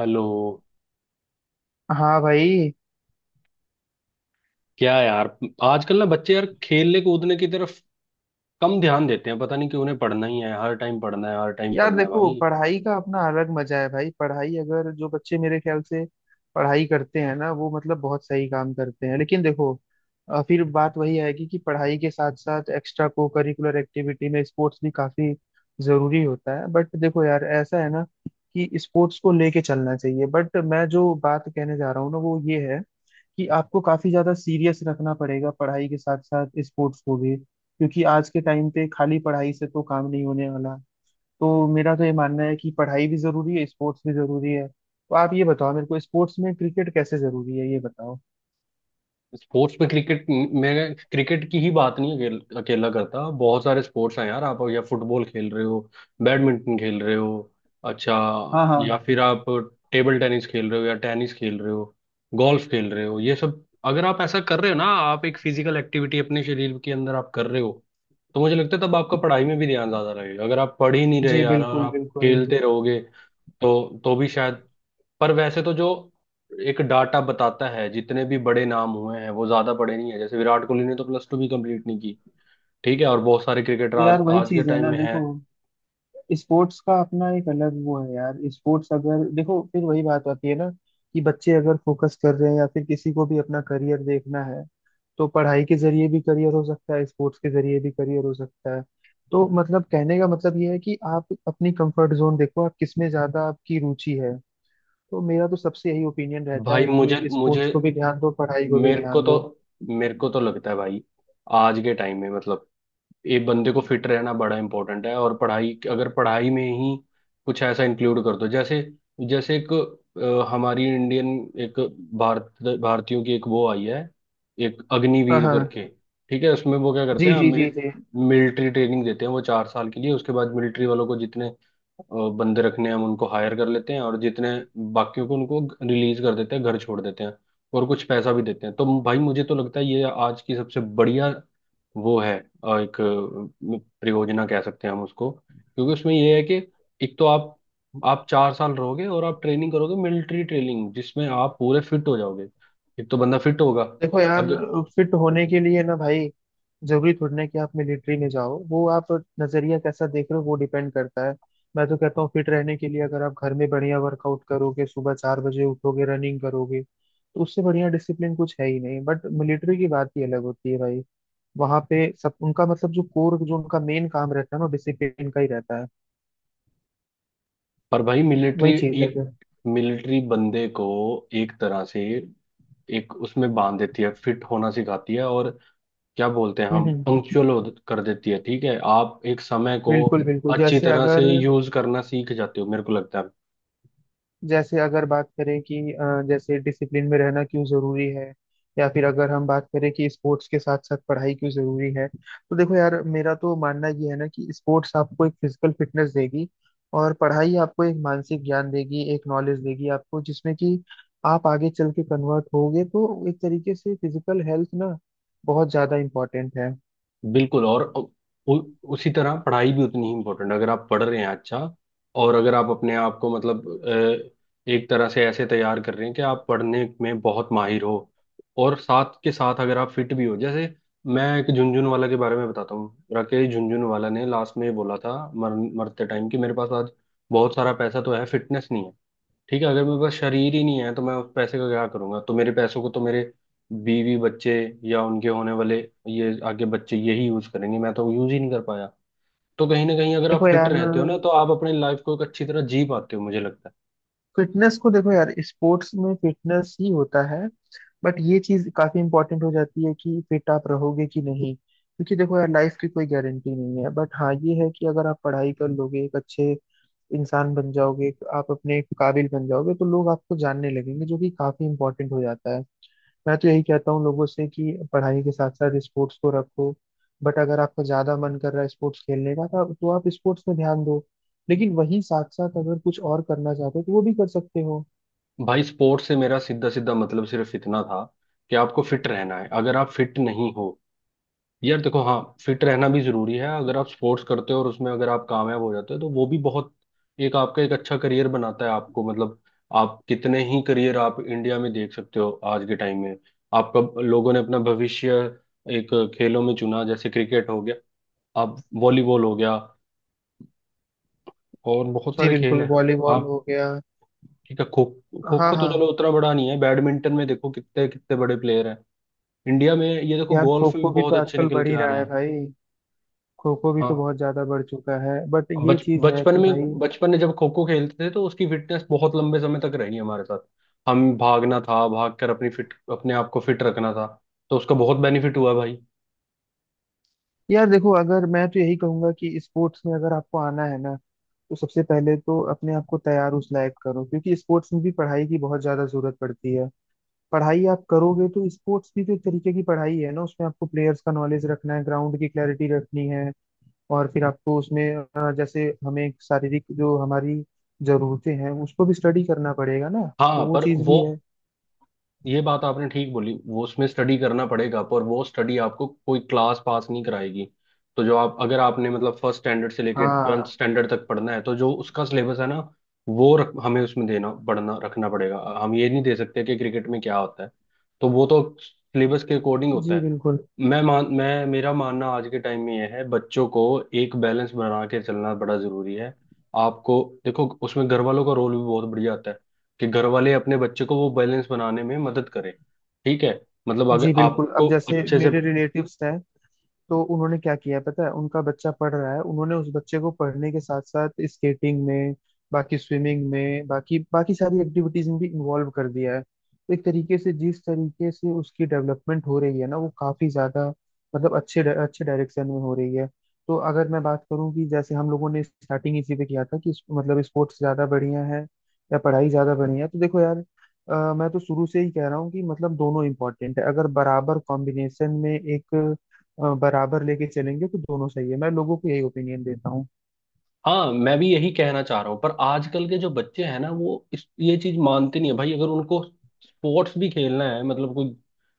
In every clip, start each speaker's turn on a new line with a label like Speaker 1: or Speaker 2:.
Speaker 1: Hello.
Speaker 2: हाँ भाई।
Speaker 1: क्या यार। आजकल ना बच्चे यार खेलने कूदने की तरफ कम ध्यान देते हैं। पता नहीं कि उन्हें पढ़ना ही है, हर टाइम पढ़ना है, हर टाइम
Speaker 2: यार
Speaker 1: पढ़ना है
Speaker 2: देखो
Speaker 1: भाई।
Speaker 2: पढ़ाई का अपना अलग मजा है भाई। पढ़ाई अगर जो बच्चे मेरे ख्याल से पढ़ाई करते हैं ना वो मतलब बहुत सही काम करते हैं। लेकिन देखो, फिर बात वही आएगी कि पढ़ाई के साथ साथ एक्स्ट्रा को करिकुलर एक्टिविटी में स्पोर्ट्स भी काफी जरूरी होता है। बट देखो यार, ऐसा है ना कि स्पोर्ट्स को लेके चलना चाहिए। बट मैं जो बात कहने जा रहा हूँ ना वो ये है कि आपको काफी ज्यादा सीरियस रखना पड़ेगा पढ़ाई के साथ साथ स्पोर्ट्स को भी, क्योंकि आज के टाइम पे खाली पढ़ाई से तो काम नहीं होने वाला। तो मेरा तो ये मानना है कि पढ़ाई भी जरूरी है, स्पोर्ट्स भी जरूरी है। तो आप ये बताओ मेरे को, स्पोर्ट्स में क्रिकेट कैसे जरूरी है, ये बताओ।
Speaker 1: स्पोर्ट्स में क्रिकेट, मैं क्रिकेट की ही बात नहीं। अकेला करता, बहुत सारे स्पोर्ट्स हैं यार। आप या फुटबॉल खेल रहे हो, बैडमिंटन खेल रहे हो। अच्छा।
Speaker 2: हाँ
Speaker 1: या
Speaker 2: हाँ।
Speaker 1: फिर आप टेबल टेनिस खेल रहे हो, या टेनिस खेल रहे हो, गोल्फ खेल रहे हो। ये सब अगर आप ऐसा कर रहे हो ना, आप एक फिजिकल एक्टिविटी अपने शरीर के अंदर आप कर रहे हो, तो मुझे लगता है तब आपका पढ़ाई में भी ध्यान ज्यादा लगेगा। अगर आप पढ़ ही नहीं रहे
Speaker 2: जी
Speaker 1: यार और
Speaker 2: बिल्कुल
Speaker 1: आप
Speaker 2: बिल्कुल।
Speaker 1: खेलते रहोगे तो भी शायद। पर वैसे तो जो एक डाटा बताता है, जितने भी बड़े नाम हुए हैं वो ज्यादा बड़े नहीं है। जैसे विराट कोहली ने तो +2 भी कंप्लीट नहीं की। ठीक है, और बहुत सारे क्रिकेटर
Speaker 2: तो यार
Speaker 1: आज
Speaker 2: वही
Speaker 1: आज के
Speaker 2: चीज़ है
Speaker 1: टाइम
Speaker 2: ना,
Speaker 1: में हैं।
Speaker 2: देखो, स्पोर्ट्स का अपना एक अलग वो है यार। स्पोर्ट्स अगर देखो फिर वही बात आती है ना कि बच्चे अगर फोकस कर रहे हैं या फिर किसी को भी अपना करियर देखना है, तो पढ़ाई के जरिए भी करियर हो सकता है, स्पोर्ट्स के जरिए भी करियर हो सकता है। तो मतलब कहने का मतलब ये है कि आप अपनी कंफर्ट जोन देखो, आप किसमें ज्यादा आपकी रुचि है। तो मेरा तो सबसे यही ओपिनियन रहता
Speaker 1: भाई
Speaker 2: है
Speaker 1: मुझे
Speaker 2: कि
Speaker 1: मुझे,
Speaker 2: स्पोर्ट्स को भी ध्यान दो, पढ़ाई को भी
Speaker 1: मेरे को
Speaker 2: ध्यान
Speaker 1: तो
Speaker 2: दो।
Speaker 1: मेरे को तो लगता है भाई, आज के टाइम में मतलब, ये बंदे को फिट रहना बड़ा इंपॉर्टेंट है। और पढ़ाई, अगर पढ़ाई में ही कुछ ऐसा इंक्लूड कर दो, जैसे जैसे एक हमारी इंडियन एक भारत भारतीयों की एक वो आई है, एक
Speaker 2: हाँ
Speaker 1: अग्निवीर करके।
Speaker 2: हाँ।
Speaker 1: ठीक है, उसमें वो क्या करते
Speaker 2: जी
Speaker 1: हैं?
Speaker 2: जी जी जी।
Speaker 1: मिलिट्री ट्रेनिंग देते हैं वो 4 साल के लिए। उसके बाद मिलिट्री वालों को जितने बंदे रखने हैं, हम उनको हायर कर लेते हैं, और जितने बाकियों को उनको रिलीज कर देते हैं, घर छोड़ देते हैं, और कुछ पैसा भी देते हैं। तो भाई मुझे तो लगता है ये आज की सबसे बढ़िया वो है, एक परियोजना कह सकते हैं हम उसको, क्योंकि उसमें ये है कि एक तो आप 4 साल रहोगे और आप ट्रेनिंग करोगे, मिलिट्री ट्रेनिंग जिसमें आप पूरे फिट हो जाओगे। एक तो बंदा फिट होगा।
Speaker 2: देखो यार,
Speaker 1: अगर।
Speaker 2: फिट होने के लिए ना भाई, जरूरी थोड़ी ना कि आप मिलिट्री में जाओ। वो आप नजरिया कैसा देख रहे हो वो डिपेंड करता है। मैं तो कहता हूँ फिट रहने के लिए अगर आप घर में बढ़िया वर्कआउट करोगे, सुबह चार बजे उठोगे, रनिंग करोगे, तो उससे बढ़िया डिसिप्लिन कुछ है ही नहीं। बट मिलिट्री की बात ही अलग होती है भाई। वहां पे सब उनका मतलब जो कोर जो उनका मेन काम रहता है ना डिसिप्लिन का ही रहता है।
Speaker 1: पर भाई मिलिट्री
Speaker 2: वही चीज है
Speaker 1: एक, मिलिट्री बंदे को एक तरह से एक उसमें बांध देती है, फिट होना सिखाती है, और क्या बोलते हैं, हम
Speaker 2: हम्म,
Speaker 1: पंक्चुअल कर देती है। ठीक है, आप एक समय को
Speaker 2: बिल्कुल बिल्कुल।
Speaker 1: अच्छी
Speaker 2: जैसे
Speaker 1: तरह से
Speaker 2: अगर
Speaker 1: यूज करना सीख जाते हो, मेरे को लगता है।
Speaker 2: जैसे अगर बात करें कि जैसे डिसिप्लिन में रहना क्यों जरूरी है, या फिर अगर हम बात करें कि स्पोर्ट्स के साथ साथ पढ़ाई क्यों जरूरी है, तो देखो यार मेरा तो मानना ये है ना कि स्पोर्ट्स आपको एक फिजिकल फिटनेस देगी, और पढ़ाई आपको एक मानसिक ज्ञान देगी, एक नॉलेज देगी आपको, जिसमें कि आप आगे चल के कन्वर्ट होगे। तो एक तरीके से फिजिकल हेल्थ ना बहुत ज्यादा इम्पोर्टेंट है।
Speaker 1: बिल्कुल, और उ, उ- उसी तरह पढ़ाई भी उतनी ही इम्पोर्टेंट है, अगर आप पढ़ रहे हैं अच्छा। और अगर आप अपने आप को मतलब एक तरह से ऐसे तैयार कर रहे हैं कि आप पढ़ने में बहुत माहिर हो, और साथ के साथ अगर आप फिट भी हो। जैसे मैं एक झुनझुनवाला के बारे में बताता हूँ। राकेश झुनझुनवाला ने लास्ट में बोला था मरते टाइम कि मेरे पास आज बहुत सारा पैसा तो है, फिटनेस नहीं है। ठीक है, अगर मेरे पास शरीर ही नहीं है तो मैं उस पैसे का क्या करूंगा। तो मेरे पैसों को तो मेरे बीवी बच्चे, या उनके होने वाले ये आगे बच्चे, यही यूज करेंगे, मैं तो यूज ही नहीं कर पाया। तो कहीं ना कहीं अगर आप
Speaker 2: देखो
Speaker 1: फिट
Speaker 2: यार,
Speaker 1: रहते हो ना, तो आप अपनी लाइफ को एक अच्छी तरह जी पाते हो, मुझे लगता
Speaker 2: फिटनेस को देखो यार, स्पोर्ट्स में फिटनेस ही होता है। बट ये चीज काफी इंपॉर्टेंट हो जाती है कि फिट आप रहोगे कि नहीं, क्योंकि देखो यार लाइफ की कोई गारंटी नहीं है। बट हाँ ये है कि अगर आप पढ़ाई कर लोगे, एक अच्छे इंसान बन जाओगे, एक आप अपने काबिल बन जाओगे, तो लोग आपको जानने लगेंगे, जो कि काफी इंपॉर्टेंट हो जाता है। मैं तो यही कहता हूँ लोगों से कि पढ़ाई के साथ साथ स्पोर्ट्स को रखो। बट अगर आपका ज्यादा मन कर रहा है स्पोर्ट्स खेलने का तो आप स्पोर्ट्स में ध्यान दो। लेकिन वहीं साथ साथ अगर कुछ और करना चाहते हो तो वो भी कर सकते हो।
Speaker 1: है। भाई स्पोर्ट्स से मेरा सीधा सीधा मतलब सिर्फ इतना था, कि आपको फिट रहना है, अगर आप फिट नहीं हो। यार देखो, हाँ, फिट रहना भी जरूरी है। अगर आप स्पोर्ट्स करते हो और उसमें अगर आप कामयाब हो जाते हो, तो वो भी बहुत एक आपका एक अच्छा करियर बनाता है आपको। मतलब आप कितने ही करियर आप इंडिया में देख सकते हो आज के टाइम में। आपका लोगों ने अपना भविष्य एक खेलों में चुना। जैसे क्रिकेट हो गया, अब वॉलीबॉल हो गया, और बहुत
Speaker 2: जी
Speaker 1: सारे
Speaker 2: बिल्कुल,
Speaker 1: खेल हैं।
Speaker 2: वॉलीबॉल
Speaker 1: आप,
Speaker 2: हो गया।
Speaker 1: ठीक है, खो खो
Speaker 2: हाँ
Speaker 1: खो तो
Speaker 2: हाँ।
Speaker 1: चलो उतना बड़ा नहीं है। बैडमिंटन में देखो कितने कितने बड़े प्लेयर हैं इंडिया में। ये देखो
Speaker 2: यार खो
Speaker 1: गोल्फ में भी
Speaker 2: खो भी
Speaker 1: बहुत
Speaker 2: तो
Speaker 1: अच्छे
Speaker 2: आजकल
Speaker 1: निकल
Speaker 2: बढ़
Speaker 1: के
Speaker 2: ही
Speaker 1: आ
Speaker 2: रहा
Speaker 1: रहे
Speaker 2: है
Speaker 1: हैं।
Speaker 2: भाई। खो खो भी तो
Speaker 1: हाँ,
Speaker 2: बहुत ज्यादा बढ़ चुका है। बट ये
Speaker 1: बच
Speaker 2: चीज है कि भाई,
Speaker 1: बचपन में जब खो खो खेलते थे तो उसकी फिटनेस बहुत लंबे समय तक रही हमारे साथ। हम भागना था, भाग कर अपनी फिट अपने आप को फिट रखना था। तो उसका बहुत बेनिफिट हुआ भाई।
Speaker 2: यार देखो, अगर मैं तो यही कहूंगा कि स्पोर्ट्स में अगर आपको आना है ना, तो सबसे पहले तो अपने आप को तैयार उस लायक करो, क्योंकि स्पोर्ट्स में भी पढ़ाई की बहुत ज्यादा जरूरत पड़ती है। पढ़ाई आप करोगे तो स्पोर्ट्स भी तो एक तरीके की पढ़ाई है ना, उसमें आपको प्लेयर्स का नॉलेज रखना है, ग्राउंड की क्लैरिटी रखनी है, और फिर आपको उसमें जैसे हमें शारीरिक जो हमारी जरूरतें हैं उसको भी स्टडी करना पड़ेगा ना, तो
Speaker 1: हाँ
Speaker 2: वो
Speaker 1: पर
Speaker 2: चीज़
Speaker 1: वो,
Speaker 2: भी है।
Speaker 1: ये बात आपने ठीक बोली, वो उसमें स्टडी करना पड़ेगा पर वो स्टडी आपको कोई क्लास पास नहीं कराएगी। तो जो आप, अगर आपने मतलब फर्स्ट स्टैंडर्ड से लेके ट्वेल्थ
Speaker 2: हाँ।
Speaker 1: स्टैंडर्ड तक पढ़ना है, तो जो उसका सिलेबस है ना, हमें उसमें देना पढ़ना रखना पड़ेगा। हम ये नहीं दे सकते कि क्रिकेट में क्या होता है, तो वो तो सिलेबस के अकॉर्डिंग होता
Speaker 2: जी
Speaker 1: है।
Speaker 2: बिल्कुल।
Speaker 1: मैं मान मैं मेरा मानना आज के टाइम में यह है, बच्चों को एक बैलेंस बना के चलना बड़ा जरूरी है। आपको देखो उसमें घर वालों का रोल भी बहुत बढ़िया आता है, कि घर वाले अपने बच्चे को वो बैलेंस बनाने में मदद करें। ठीक है, मतलब अगर
Speaker 2: जी बिल्कुल, अब
Speaker 1: आपको
Speaker 2: जैसे
Speaker 1: अच्छे से।
Speaker 2: मेरे रिलेटिव्स हैं, तो उन्होंने क्या किया पता है, उनका बच्चा पढ़ रहा है, उन्होंने उस बच्चे को पढ़ने के साथ साथ स्केटिंग में, बाकी स्विमिंग में, बाकी बाकी सारी एक्टिविटीज में भी इन्वॉल्व कर दिया है, तो एक तरीके से जिस तरीके से उसकी डेवलपमेंट हो रही है ना, वो काफी ज्यादा मतलब अच्छे अच्छे डायरेक्शन में हो रही है। तो अगर मैं बात करूं कि जैसे हम लोगों ने स्टार्टिंग इसी पे किया था कि मतलब स्पोर्ट्स ज्यादा बढ़िया है या पढ़ाई ज्यादा बढ़िया है, तो देखो यार मैं तो शुरू से ही कह रहा हूँ कि मतलब दोनों इम्पोर्टेंट है। अगर बराबर कॉम्बिनेशन में एक बराबर लेके चलेंगे तो दोनों सही है। मैं लोगों को यही ओपिनियन देता हूँ।
Speaker 1: हाँ मैं भी यही कहना चाह रहा हूँ, पर आजकल के जो बच्चे हैं ना, वो इस ये चीज मानते नहीं है भाई। अगर उनको स्पोर्ट्स भी खेलना है, मतलब कोई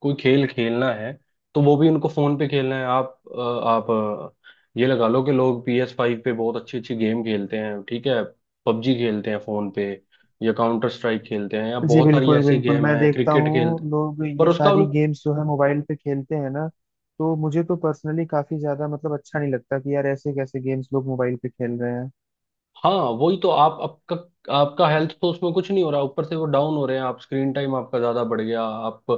Speaker 1: कोई खेल खेलना है, तो वो भी उनको फोन पे खेलना है। आप ये लगा लो कि लोग PS5 पे बहुत अच्छी अच्छी गेम खेलते हैं। ठीक है, पबजी खेलते हैं फोन पे, या काउंटर स्ट्राइक खेलते हैं, या
Speaker 2: जी
Speaker 1: बहुत सारी
Speaker 2: बिल्कुल
Speaker 1: ऐसी
Speaker 2: बिल्कुल,
Speaker 1: गेम
Speaker 2: मैं
Speaker 1: है
Speaker 2: देखता
Speaker 1: क्रिकेट खेलते
Speaker 2: हूँ
Speaker 1: हैं।
Speaker 2: लोग
Speaker 1: पर
Speaker 2: ये
Speaker 1: उसका
Speaker 2: सारी
Speaker 1: उन,
Speaker 2: गेम्स जो है मोबाइल पे खेलते हैं ना। तो मुझे तो पर्सनली काफी ज्यादा मतलब अच्छा नहीं लगता कि यार ऐसे कैसे गेम्स लोग मोबाइल पे खेल रहे हैं।
Speaker 1: हाँ वही तो। आप आपका आपका हेल्थ तो उसमें कुछ नहीं हो रहा, ऊपर से वो डाउन हो रहे हैं। आप स्क्रीन टाइम आपका ज्यादा बढ़ गया आप,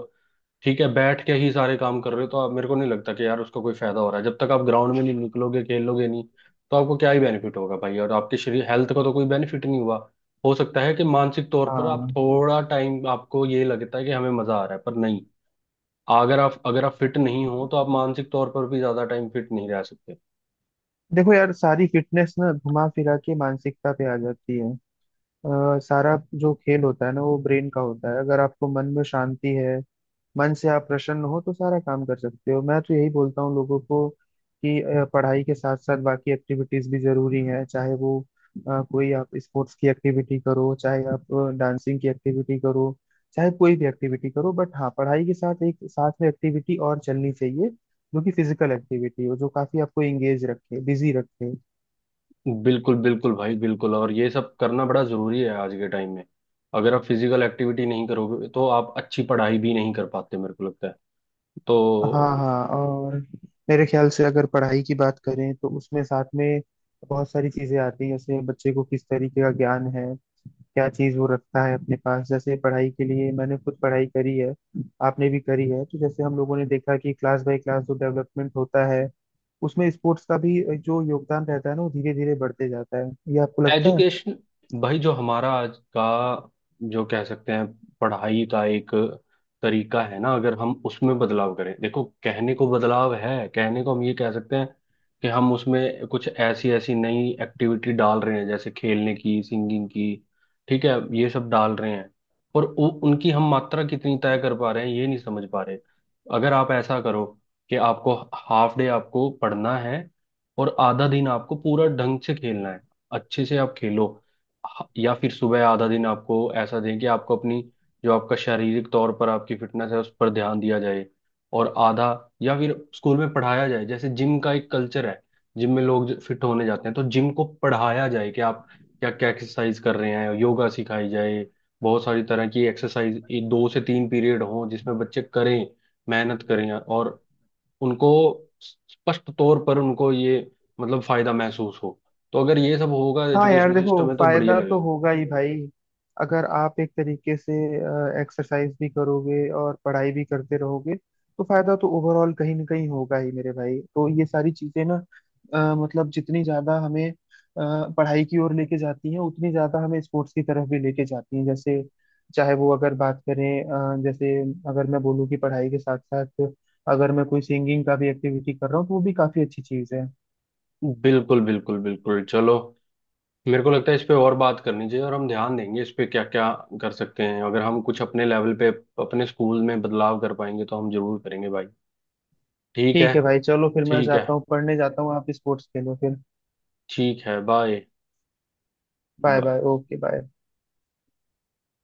Speaker 1: ठीक है, बैठ के ही सारे काम कर रहे हो, तो आप मेरे को नहीं लगता कि यार उसका कोई फायदा हो रहा है, जब तक आप ग्राउंड में नहीं निकलोगे, खेलोगे नहीं, तो आपको क्या ही बेनिफिट होगा भाई। और आपके शरीर हेल्थ का तो कोई बेनिफिट नहीं हुआ। हो सकता है कि मानसिक तौर पर आप
Speaker 2: हाँ।
Speaker 1: थोड़ा टाइम आपको ये लगता है कि हमें मजा आ रहा है, पर नहीं। अगर आप फिट नहीं हो तो आप मानसिक तौर पर भी ज्यादा टाइम फिट नहीं रह सकते।
Speaker 2: देखो यार, सारी फिटनेस ना घुमा फिरा के मानसिकता पे आ जाती है। सारा जो खेल होता है ना, वो ब्रेन का होता है। अगर आपको मन में शांति है, मन से आप प्रसन्न हो, तो सारा काम कर सकते हो। मैं तो यही बोलता हूँ लोगों को कि पढ़ाई के साथ साथ बाकी एक्टिविटीज भी जरूरी हैं, चाहे वो कोई आप स्पोर्ट्स की एक्टिविटी करो, चाहे आप डांसिंग की एक्टिविटी करो, चाहे कोई भी एक्टिविटी करो। बट हाँ, पढ़ाई के साथ एक साथ में एक्टिविटी और चलनी चाहिए जो कि फिजिकल एक्टिविटी हो, जो काफी आपको एंगेज रखे, बिजी रखे।
Speaker 1: बिल्कुल बिल्कुल भाई बिल्कुल, और ये सब करना बड़ा जरूरी है आज के टाइम में। अगर आप फिजिकल एक्टिविटी नहीं करोगे, तो आप अच्छी पढ़ाई भी नहीं कर पाते, मेरे को लगता है।
Speaker 2: हाँ
Speaker 1: तो
Speaker 2: हाँ। और मेरे ख्याल से अगर पढ़ाई की बात करें तो उसमें साथ में बहुत सारी चीजें आती हैं, जैसे बच्चे को किस तरीके का ज्ञान है, क्या चीज वो रखता है अपने पास। जैसे पढ़ाई के लिए मैंने खुद पढ़ाई करी है, आपने भी करी है, तो जैसे हम लोगों ने देखा कि क्लास बाय क्लास जो डेवलपमेंट होता है, उसमें स्पोर्ट्स का भी जो योगदान रहता है ना वो धीरे धीरे बढ़ते जाता है। ये आपको लगता है?
Speaker 1: एजुकेशन, भाई जो हमारा आज का जो कह सकते हैं पढ़ाई का एक तरीका है ना, अगर हम उसमें बदलाव करें, देखो कहने को बदलाव है, कहने को हम ये कह सकते हैं कि हम उसमें कुछ ऐसी ऐसी नई एक्टिविटी डाल रहे हैं, जैसे खेलने की, सिंगिंग की। ठीक है, ये सब डाल रहे हैं, पर उनकी हम मात्रा कितनी तय कर पा रहे हैं, ये नहीं समझ पा रहे। अगर आप ऐसा करो कि आपको हाफ डे आपको पढ़ना है, और आधा दिन आपको पूरा ढंग से खेलना है, अच्छे से आप खेलो। या फिर सुबह आधा दिन आपको ऐसा दें, कि आपको अपनी जो आपका शारीरिक तौर पर आपकी फिटनेस है उस पर ध्यान दिया जाए, और आधा, या फिर स्कूल में पढ़ाया जाए। जैसे जिम का एक कल्चर है, जिम में लोग फिट होने जाते हैं, तो जिम को पढ़ाया जाए कि आप क्या क्या एक्सरसाइज कर रहे हैं, योगा सिखाई जाए, बहुत सारी तरह की एक्सरसाइज। 2 से 3 पीरियड हो जिसमें बच्चे करें, मेहनत करें और उनको स्पष्ट तौर पर उनको ये मतलब फायदा महसूस हो। तो अगर ये सब होगा
Speaker 2: हाँ यार
Speaker 1: एजुकेशन सिस्टम
Speaker 2: देखो,
Speaker 1: में, तो बढ़िया
Speaker 2: फायदा तो
Speaker 1: लगेगा।
Speaker 2: होगा ही भाई, अगर आप एक तरीके से एक्सरसाइज भी करोगे और पढ़ाई भी करते रहोगे तो फायदा तो ओवरऑल कहीं ना कहीं होगा ही मेरे भाई। तो ये सारी चीजें ना मतलब जितनी ज्यादा हमें पढ़ाई की ओर लेके जाती हैं उतनी ज्यादा हमें स्पोर्ट्स की तरफ भी लेके जाती हैं। जैसे चाहे वो अगर बात करें जैसे अगर मैं बोलूँ कि पढ़ाई के साथ साथ अगर मैं कोई सिंगिंग का भी एक्टिविटी कर रहा हूँ, तो वो भी काफी अच्छी चीज है।
Speaker 1: बिल्कुल बिल्कुल बिल्कुल, चलो मेरे को लगता है इस पे और बात करनी चाहिए, और हम ध्यान देंगे इस पे क्या क्या कर सकते हैं। अगर हम कुछ अपने लेवल पे अपने स्कूल में बदलाव कर पाएंगे, तो हम जरूर करेंगे भाई। ठीक है,
Speaker 2: ठीक है भाई, चलो फिर मैं
Speaker 1: ठीक है,
Speaker 2: जाता हूँ, पढ़ने जाता हूँ, आप स्पोर्ट्स खेलो फिर।
Speaker 1: ठीक है, bye.
Speaker 2: Bye bye,
Speaker 1: bye.
Speaker 2: Okay, bye.